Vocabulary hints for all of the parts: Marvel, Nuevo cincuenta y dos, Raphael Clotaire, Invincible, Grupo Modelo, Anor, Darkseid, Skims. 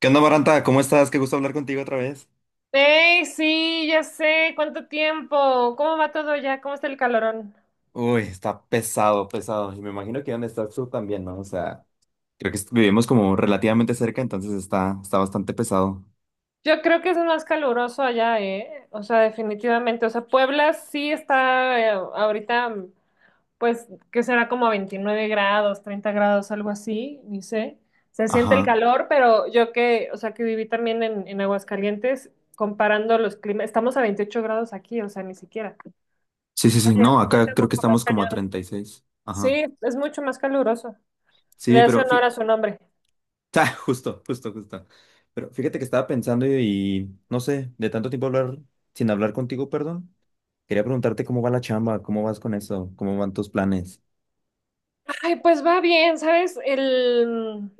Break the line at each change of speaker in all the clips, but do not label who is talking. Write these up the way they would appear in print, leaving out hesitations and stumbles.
¿Qué onda, Maranta? ¿Cómo estás? Qué gusto hablar contigo otra vez.
Hey, sí, ya sé, ¿cuánto tiempo? ¿Cómo va todo ya? ¿Cómo está el calorón?
Uy, está pesado, pesado. Y me imagino que donde estás tú también, ¿no? O sea, creo que vivimos como relativamente cerca, entonces está bastante pesado.
Yo creo que es más caluroso allá, ¿eh? O sea, definitivamente. O sea, Puebla sí está ahorita, pues, que será como 29°, 30°, algo así, ni sé. Se siente el
Ajá.
calor, pero yo que, o sea, que viví también en Aguascalientes, comparando los climas, estamos a 28° aquí, o sea, ni siquiera.
Sí, sí, sí.
Allá
No,
se siente
acá creo que
mucho más
estamos como a
cañón.
36. Ajá.
Sí, es mucho más caluroso. Le
Sí,
hace
pero
honor a su nombre.
Ah, justo, justo, justo. Pero fíjate que estaba pensando y no sé, de tanto tiempo hablar, sin hablar contigo, perdón. Quería preguntarte cómo va la chamba, cómo vas con eso, cómo van tus planes.
Ay, pues va bien, ¿sabes?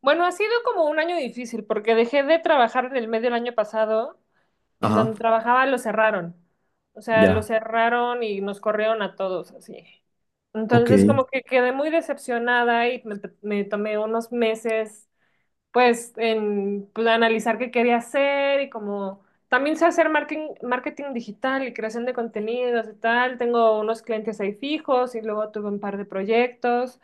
Bueno, ha sido como un año difícil porque dejé de trabajar en el medio del año pasado, en
Ajá.
donde trabajaba lo cerraron. O sea, lo
Ya.
cerraron y nos corrieron a todos así.
Ok.
Entonces, como que quedé muy decepcionada y me tomé unos meses, pues, en pues, analizar qué quería hacer y como también sé hacer marketing, marketing digital y creación de contenidos y tal. Tengo unos clientes ahí fijos y luego tuve un par de proyectos.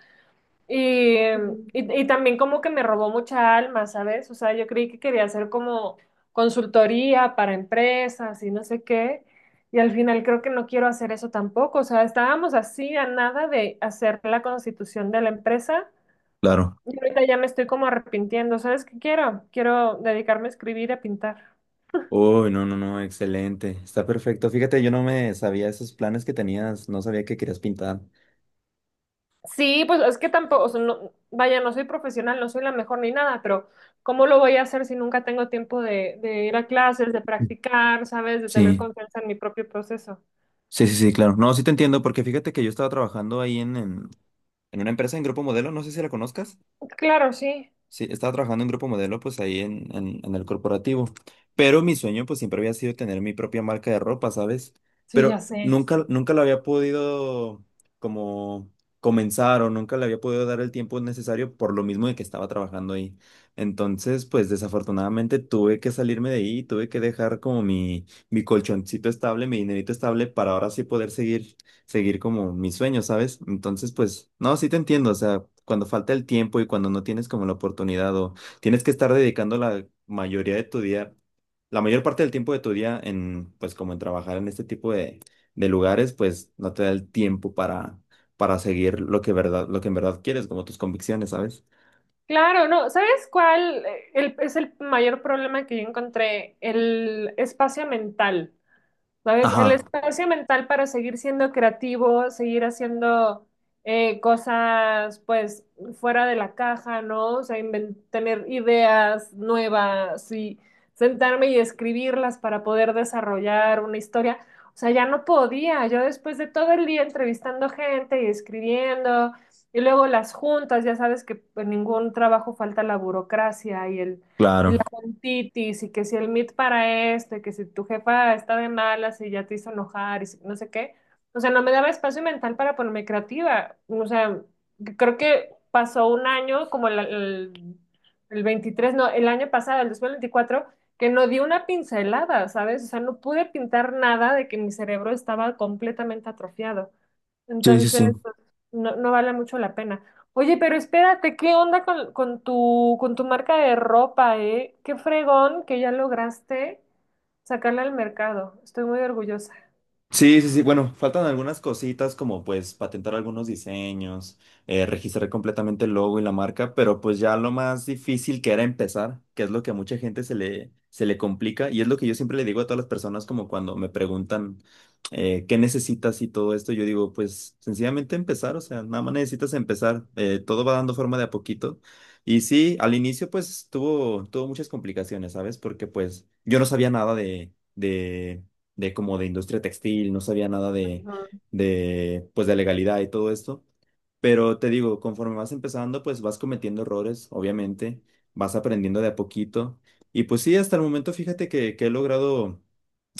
Y, y- y también como que me robó mucha alma, ¿sabes? O sea, yo creí que quería hacer como consultoría para empresas y no sé qué. Y al final creo que no quiero hacer eso tampoco. O sea, estábamos así a nada de hacer la constitución de la empresa.
Claro.
Y ahorita ya me estoy como arrepintiendo. ¿Sabes qué quiero? Quiero dedicarme a escribir y a pintar.
Uy, no, no, no, excelente. Está perfecto. Fíjate, yo no me sabía esos planes que tenías, no sabía que querías pintar.
Sí, pues es que tampoco, o sea, vaya, no soy profesional, no soy la mejor ni nada, pero ¿cómo lo voy a hacer si nunca tengo tiempo de ir a clases, de practicar, ¿sabes? De tener
Sí,
confianza en mi propio proceso.
sí, sí, sí, claro. No, sí te entiendo, porque fíjate que yo estaba trabajando ahí en una empresa en Grupo Modelo, no sé si la conozcas.
Claro, sí,
Sí, estaba trabajando en Grupo Modelo, pues ahí en el corporativo. Pero mi sueño, pues siempre había sido tener mi propia marca de ropa, ¿sabes?
sí, ya
Pero
sé.
nunca, nunca lo había podido como comenzar o nunca le había podido dar el tiempo necesario por lo mismo de que estaba trabajando ahí. Entonces, pues desafortunadamente tuve que salirme de ahí, tuve que dejar como mi colchoncito estable, mi dinerito estable para ahora sí poder seguir como mis sueños, ¿sabes? Entonces, pues, no, sí te entiendo, o sea, cuando falta el tiempo y cuando no tienes como la oportunidad o tienes que estar dedicando la mayoría de tu día, la mayor parte del tiempo de tu día en, pues, como en trabajar en este tipo de lugares, pues, no te da el tiempo para seguir lo que verdad, lo que en verdad quieres, como tus convicciones, ¿sabes?
Claro, no, ¿sabes cuál es el mayor problema que yo encontré? El espacio mental. ¿Sabes? El
Ajá,
espacio mental para seguir siendo creativo, seguir haciendo cosas pues fuera de la caja, ¿no? O sea, tener ideas nuevas y sentarme y escribirlas para poder desarrollar una historia. O sea, ya no podía. Yo después de todo el día entrevistando gente y escribiendo, y luego las juntas, ya sabes que en ningún trabajo falta la burocracia y el,
claro.
y titis y que si el meet para esto y que si tu jefa está de malas y ya te hizo enojar y no sé qué. O sea, no me daba espacio mental para ponerme creativa. O sea, creo que pasó un año, como el 23, no, el año pasado, el 2024 que no di una pincelada, ¿sabes? O sea, no pude pintar nada de que mi cerebro estaba completamente atrofiado.
Sí, sí,
Entonces,
sí.
pues, no, no vale mucho la pena. Oye, pero espérate, ¿qué onda con tu marca de ropa, eh? Qué fregón que ya lograste sacarla al mercado. Estoy muy orgullosa.
Sí, sí, sí. Bueno, faltan algunas cositas como pues patentar algunos diseños, registrar completamente el logo y la marca, pero pues ya lo más difícil que era empezar, que es lo que a mucha gente se le complica y es lo que yo siempre le digo a todas las personas como cuando me preguntan qué necesitas y todo esto, yo digo pues sencillamente empezar, o sea, nada más necesitas empezar. Todo va dando forma de a poquito. Y sí, al inicio pues tuvo muchas complicaciones, ¿sabes? Porque pues yo no sabía nada de... de como de industria textil, no sabía nada
Ujú,
pues de legalidad y todo esto. Pero te digo, conforme vas empezando, pues vas cometiendo errores, obviamente, vas aprendiendo de a poquito. Y pues sí, hasta el momento fíjate que he logrado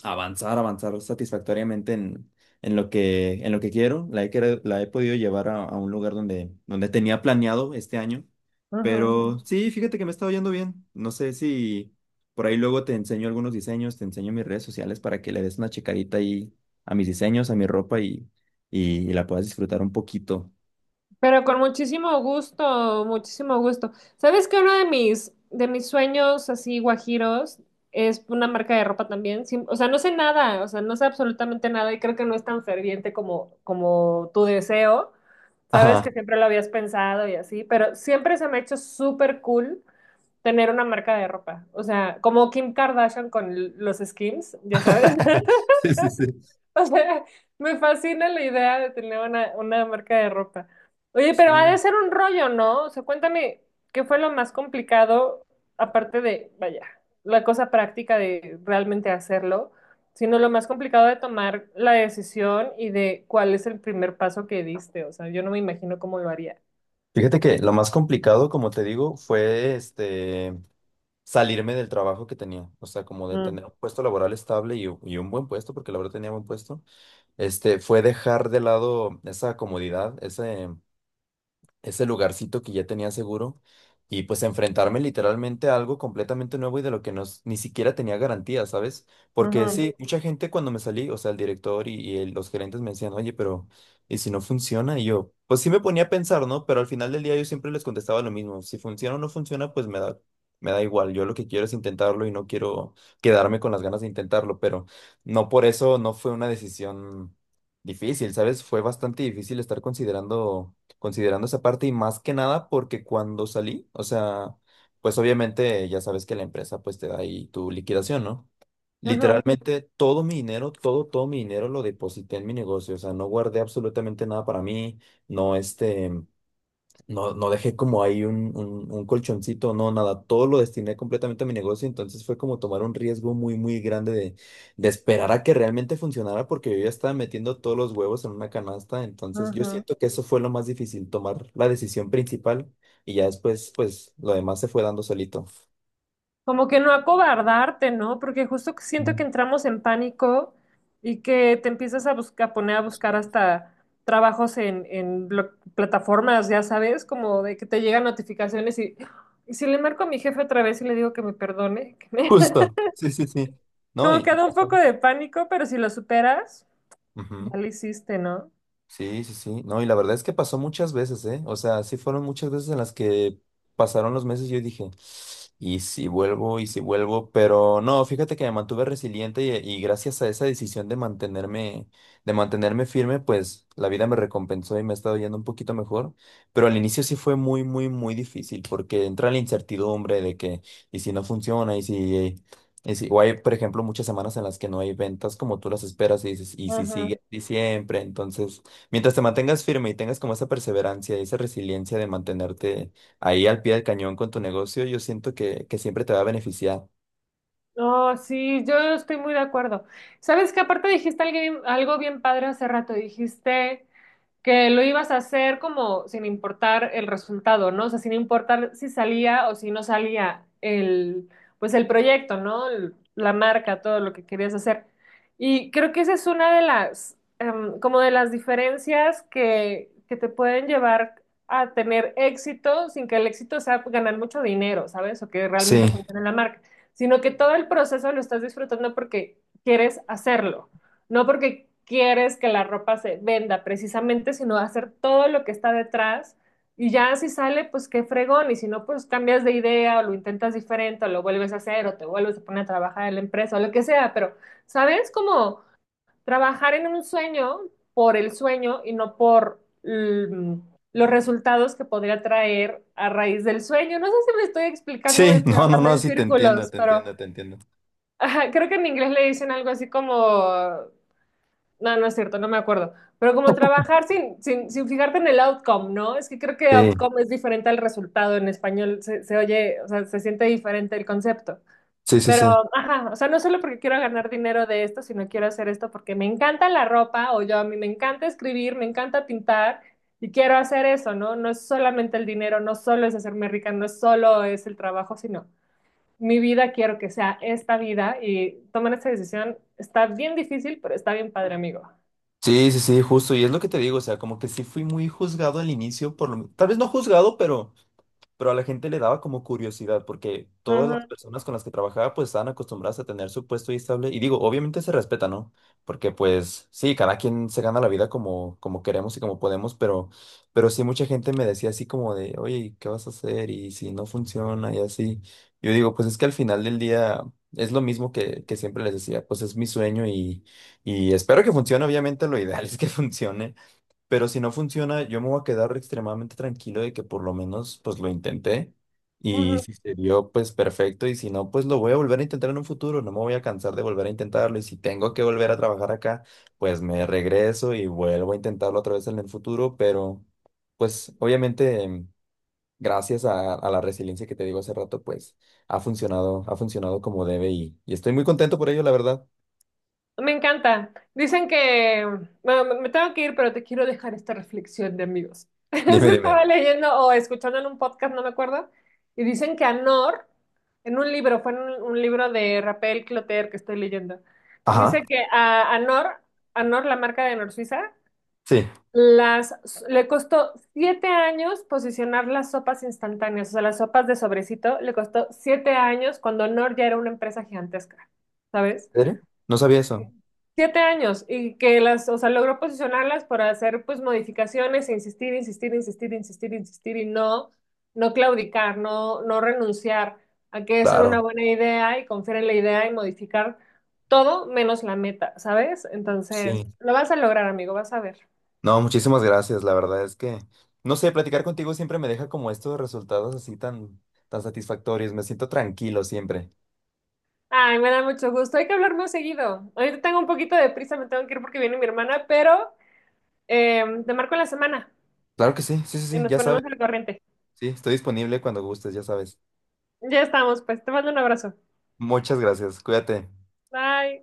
avanzar, avanzar satisfactoriamente en lo que, en lo que, quiero. La he podido llevar a un lugar donde tenía planeado este año.
ujú.
Pero, ujú, sí, fíjate que me está yendo bien. No sé si por ahí luego te enseño algunos diseños, te enseño mis redes sociales para que le des una checadita ahí a mis diseños, a mi ropa y la puedas disfrutar un poquito.
Pero con muchísimo gusto, muchísimo gusto. ¿Sabes que uno de mis, sueños así guajiros es una marca de ropa también? O sea, no sé nada, o sea, no sé absolutamente nada y creo que no es tan ferviente como tu deseo. Sabes
Ajá.
que siempre lo habías pensado y así, pero siempre se me ha hecho súper cool tener una marca de ropa. O sea, como Kim Kardashian con los Skims, ya sabes.
Sí, sí, sí.
O sea, me fascina la idea de tener una marca de ropa. Oye, pero ha de
Sí.
ser un rollo, ¿no? O sea, cuéntame, ¿qué fue lo más complicado, aparte de, vaya, la cosa práctica de realmente hacerlo, sino lo más complicado de tomar la decisión y de cuál es el primer paso que diste? O sea, yo no me imagino cómo lo haría.
Fíjate que lo más complicado, como te digo, fue salirme del trabajo que tenía, o sea, como de
Mm,
tener un puesto laboral estable y un buen puesto, porque la verdad tenía buen puesto. Fue dejar de lado esa comodidad, ese lugarcito que ya tenía seguro y pues enfrentarme literalmente a algo completamente nuevo y de lo que no, ni siquiera tenía garantía, ¿sabes? Porque, ujú,
ujú,
sí, mucha gente cuando me salí, o sea, el director y los gerentes me decían, oye, pero ¿y si no funciona? Y yo, pues sí me ponía a pensar, ¿no? Pero al final del día yo siempre les contestaba lo mismo, si funciona o no funciona, Me da igual, yo lo que quiero es intentarlo y no quiero quedarme con las ganas de intentarlo, pero no por eso no fue una decisión difícil, ¿sabes? Fue bastante difícil estar considerando esa parte y más que nada porque cuando salí, o sea, pues obviamente ya sabes que la empresa pues te da ahí tu liquidación, ¿no?
ujú,
Literalmente todo mi dinero, todo, todo mi dinero lo deposité en mi negocio, o sea, no guardé absolutamente nada para mí, no, no, no dejé como ahí un colchoncito, no, nada, todo lo destiné completamente a mi negocio, entonces fue como tomar un riesgo muy, muy grande de esperar a que realmente funcionara porque yo ya estaba metiendo todos los huevos en una canasta, entonces yo
ujú.
siento que eso fue lo más difícil, tomar la decisión principal y ya después, pues, lo demás se fue dando solito.
Como que no acobardarte, ¿no? Porque justo que siento
Mm.
que entramos en pánico y que te empiezas a buscar, a poner a buscar hasta trabajos en, en plataformas, ya sabes, como de que te llegan notificaciones y si le marco a mi jefe otra vez y le digo que me perdone, que me-
Justo. Sí, sí, sí. No,
como
y,
que
y
da un
pasó.
poco de pánico, pero si lo superas,
Ujú.
ya lo hiciste, ¿no?
Sí, sí, sí. No, y la verdad es que pasó muchas veces, ¿eh? O sea, sí fueron muchas veces en las que pasaron los meses y yo dije, y si vuelvo, pero no, fíjate que me mantuve resiliente y gracias a esa decisión de mantenerme, firme, pues la vida me recompensó y me ha estado yendo un poquito mejor. Pero al inicio sí fue muy, muy, muy difícil porque entra la incertidumbre de que, y si no funciona, Y si, o hay, por ejemplo, muchas semanas en las que no hay ventas como tú las esperas y dices, y si
Ajá.
sigue así siempre, entonces. Mientras te mantengas firme y tengas como esa perseverancia y esa resiliencia de mantenerte ahí al pie del cañón con tu negocio, yo siento que siempre te va a beneficiar.
No, sí, yo estoy muy de acuerdo. Sabes que aparte dijiste alguien- algo bien padre hace rato, dijiste. Que lo ibas a hacer como sin importar el resultado, ¿no? O sea, sin importar si salía o si no salía el, pues el proyecto, ¿no? El- la marca, todo lo que querías hacer. Y creo que esa es una de las, como de las diferencias que te pueden llevar a tener éxito sin que el éxito sea ganar mucho dinero, ¿sabes? O que
Sí,
realmente funcione la marca, sino que todo el proceso lo estás disfrutando porque quieres hacerlo. No porque quieres que la ropa se venda precisamente, sino hacer todo lo que está detrás y ya si sale, pues qué fregón, y si no, pues cambias de idea o lo intentas diferente o lo vuelves a hacer o te vuelves a poner a trabajar en la empresa o lo que sea, pero, ¿sabes? Como trabajar en un sueño por el sueño y no por los resultados que podría traer a raíz del sueño. No sé si me estoy explicando, me
sí,
estoy
no, no,
hablando
no,
en
sí, te entiendo,
círculos,
te
pero...
entiendo, te entiendo.
Ajá, creo que en inglés le dicen algo así como no, no es cierto, no me acuerdo. Pero como trabajar sin, sin fijarte en el outcome, ¿no? Es que creo que
Sí,
outcome es diferente al resultado en español. Se oye, o sea, se siente diferente el concepto.
sí, sí, sí.
Pero, ajá, o sea, no solo porque quiero ganar dinero de esto, sino quiero hacer esto porque me encanta la ropa o yo a mí me encanta escribir, me encanta pintar y quiero hacer eso, ¿no? No es solamente el dinero, no solo es hacerme rica, no es solo es el trabajo, sino mi vida quiero que sea esta vida y tomar esta decisión está bien difícil, pero está bien padre, amigo.
Sí, sí, sí, justo. Y es lo que te digo, o sea, como que sí fui muy juzgado al inicio, por lo, tal vez no juzgado, pero a la gente le daba como curiosidad porque todas las
Ujú,
personas con las que trabajaba pues estaban acostumbradas a tener su puesto y estable y digo, obviamente se respeta, ¿no? Porque pues sí, cada quien se gana la vida como queremos y como podemos, pero sí mucha gente me decía así como de, oye, ¿qué vas a hacer? Y si no funciona y así. Yo digo, pues es que al final del día es lo mismo que siempre les decía, pues es mi sueño y espero que funcione, obviamente lo ideal es que funcione. Pero si no funciona, yo me voy a quedar extremadamente tranquilo de que por lo menos pues lo intenté y
ujú.
si se dio pues perfecto y si no pues lo voy a volver a intentar en un futuro, no me voy a cansar de volver a intentarlo y si tengo que volver a trabajar acá pues me regreso y vuelvo a intentarlo otra vez en el futuro, pero pues obviamente gracias a la resiliencia que te digo hace rato pues ha funcionado como debe y estoy muy contento por ello la verdad.
Me encanta. Dicen que, bueno, me tengo que ir, pero te quiero dejar esta reflexión de amigos. Es
Dime,
que
dime.
estaba leyendo o escuchando en un podcast, no me acuerdo, y dicen que Anor, en un libro, fue en un libro de Raphael Clotaire que estoy leyendo, dice
Ajá,
que a Anor, Anor, la marca de Anor Suiza,
sí. ¿En
las, le costó 7 años posicionar las sopas instantáneas, o sea, las sopas de sobrecito, le costó 7 años cuando Anor ya era una empresa gigantesca, ¿sabes?
serio? No sabía eso.
7 años y que las, o sea, logró posicionarlas para hacer pues modificaciones e insistir, insistir, insistir, insistir, insistir y no, no claudicar, no, no renunciar a que esa era
Claro,
una buena idea y confiar en la idea y modificar todo menos la meta, ¿sabes? Entonces,
sí.
lo vas a lograr, amigo, vas a ver.
No, muchísimas gracias. La verdad es que, no sé, platicar contigo siempre me deja como estos resultados así tan, tan satisfactorios. Me siento tranquilo siempre.
Ay, me da mucho gusto, hay que hablar más seguido. Ahorita tengo un poquito de prisa, me tengo que ir porque viene mi hermana, pero te marco en la semana
Claro que sí, sí, sí,
y
sí,
nos
ya sabes.
ponemos al corriente.
Sí, estoy disponible cuando gustes, ya sabes.
Ya estamos, pues te mando un abrazo.
Muchas gracias. Cuídate.
Bye.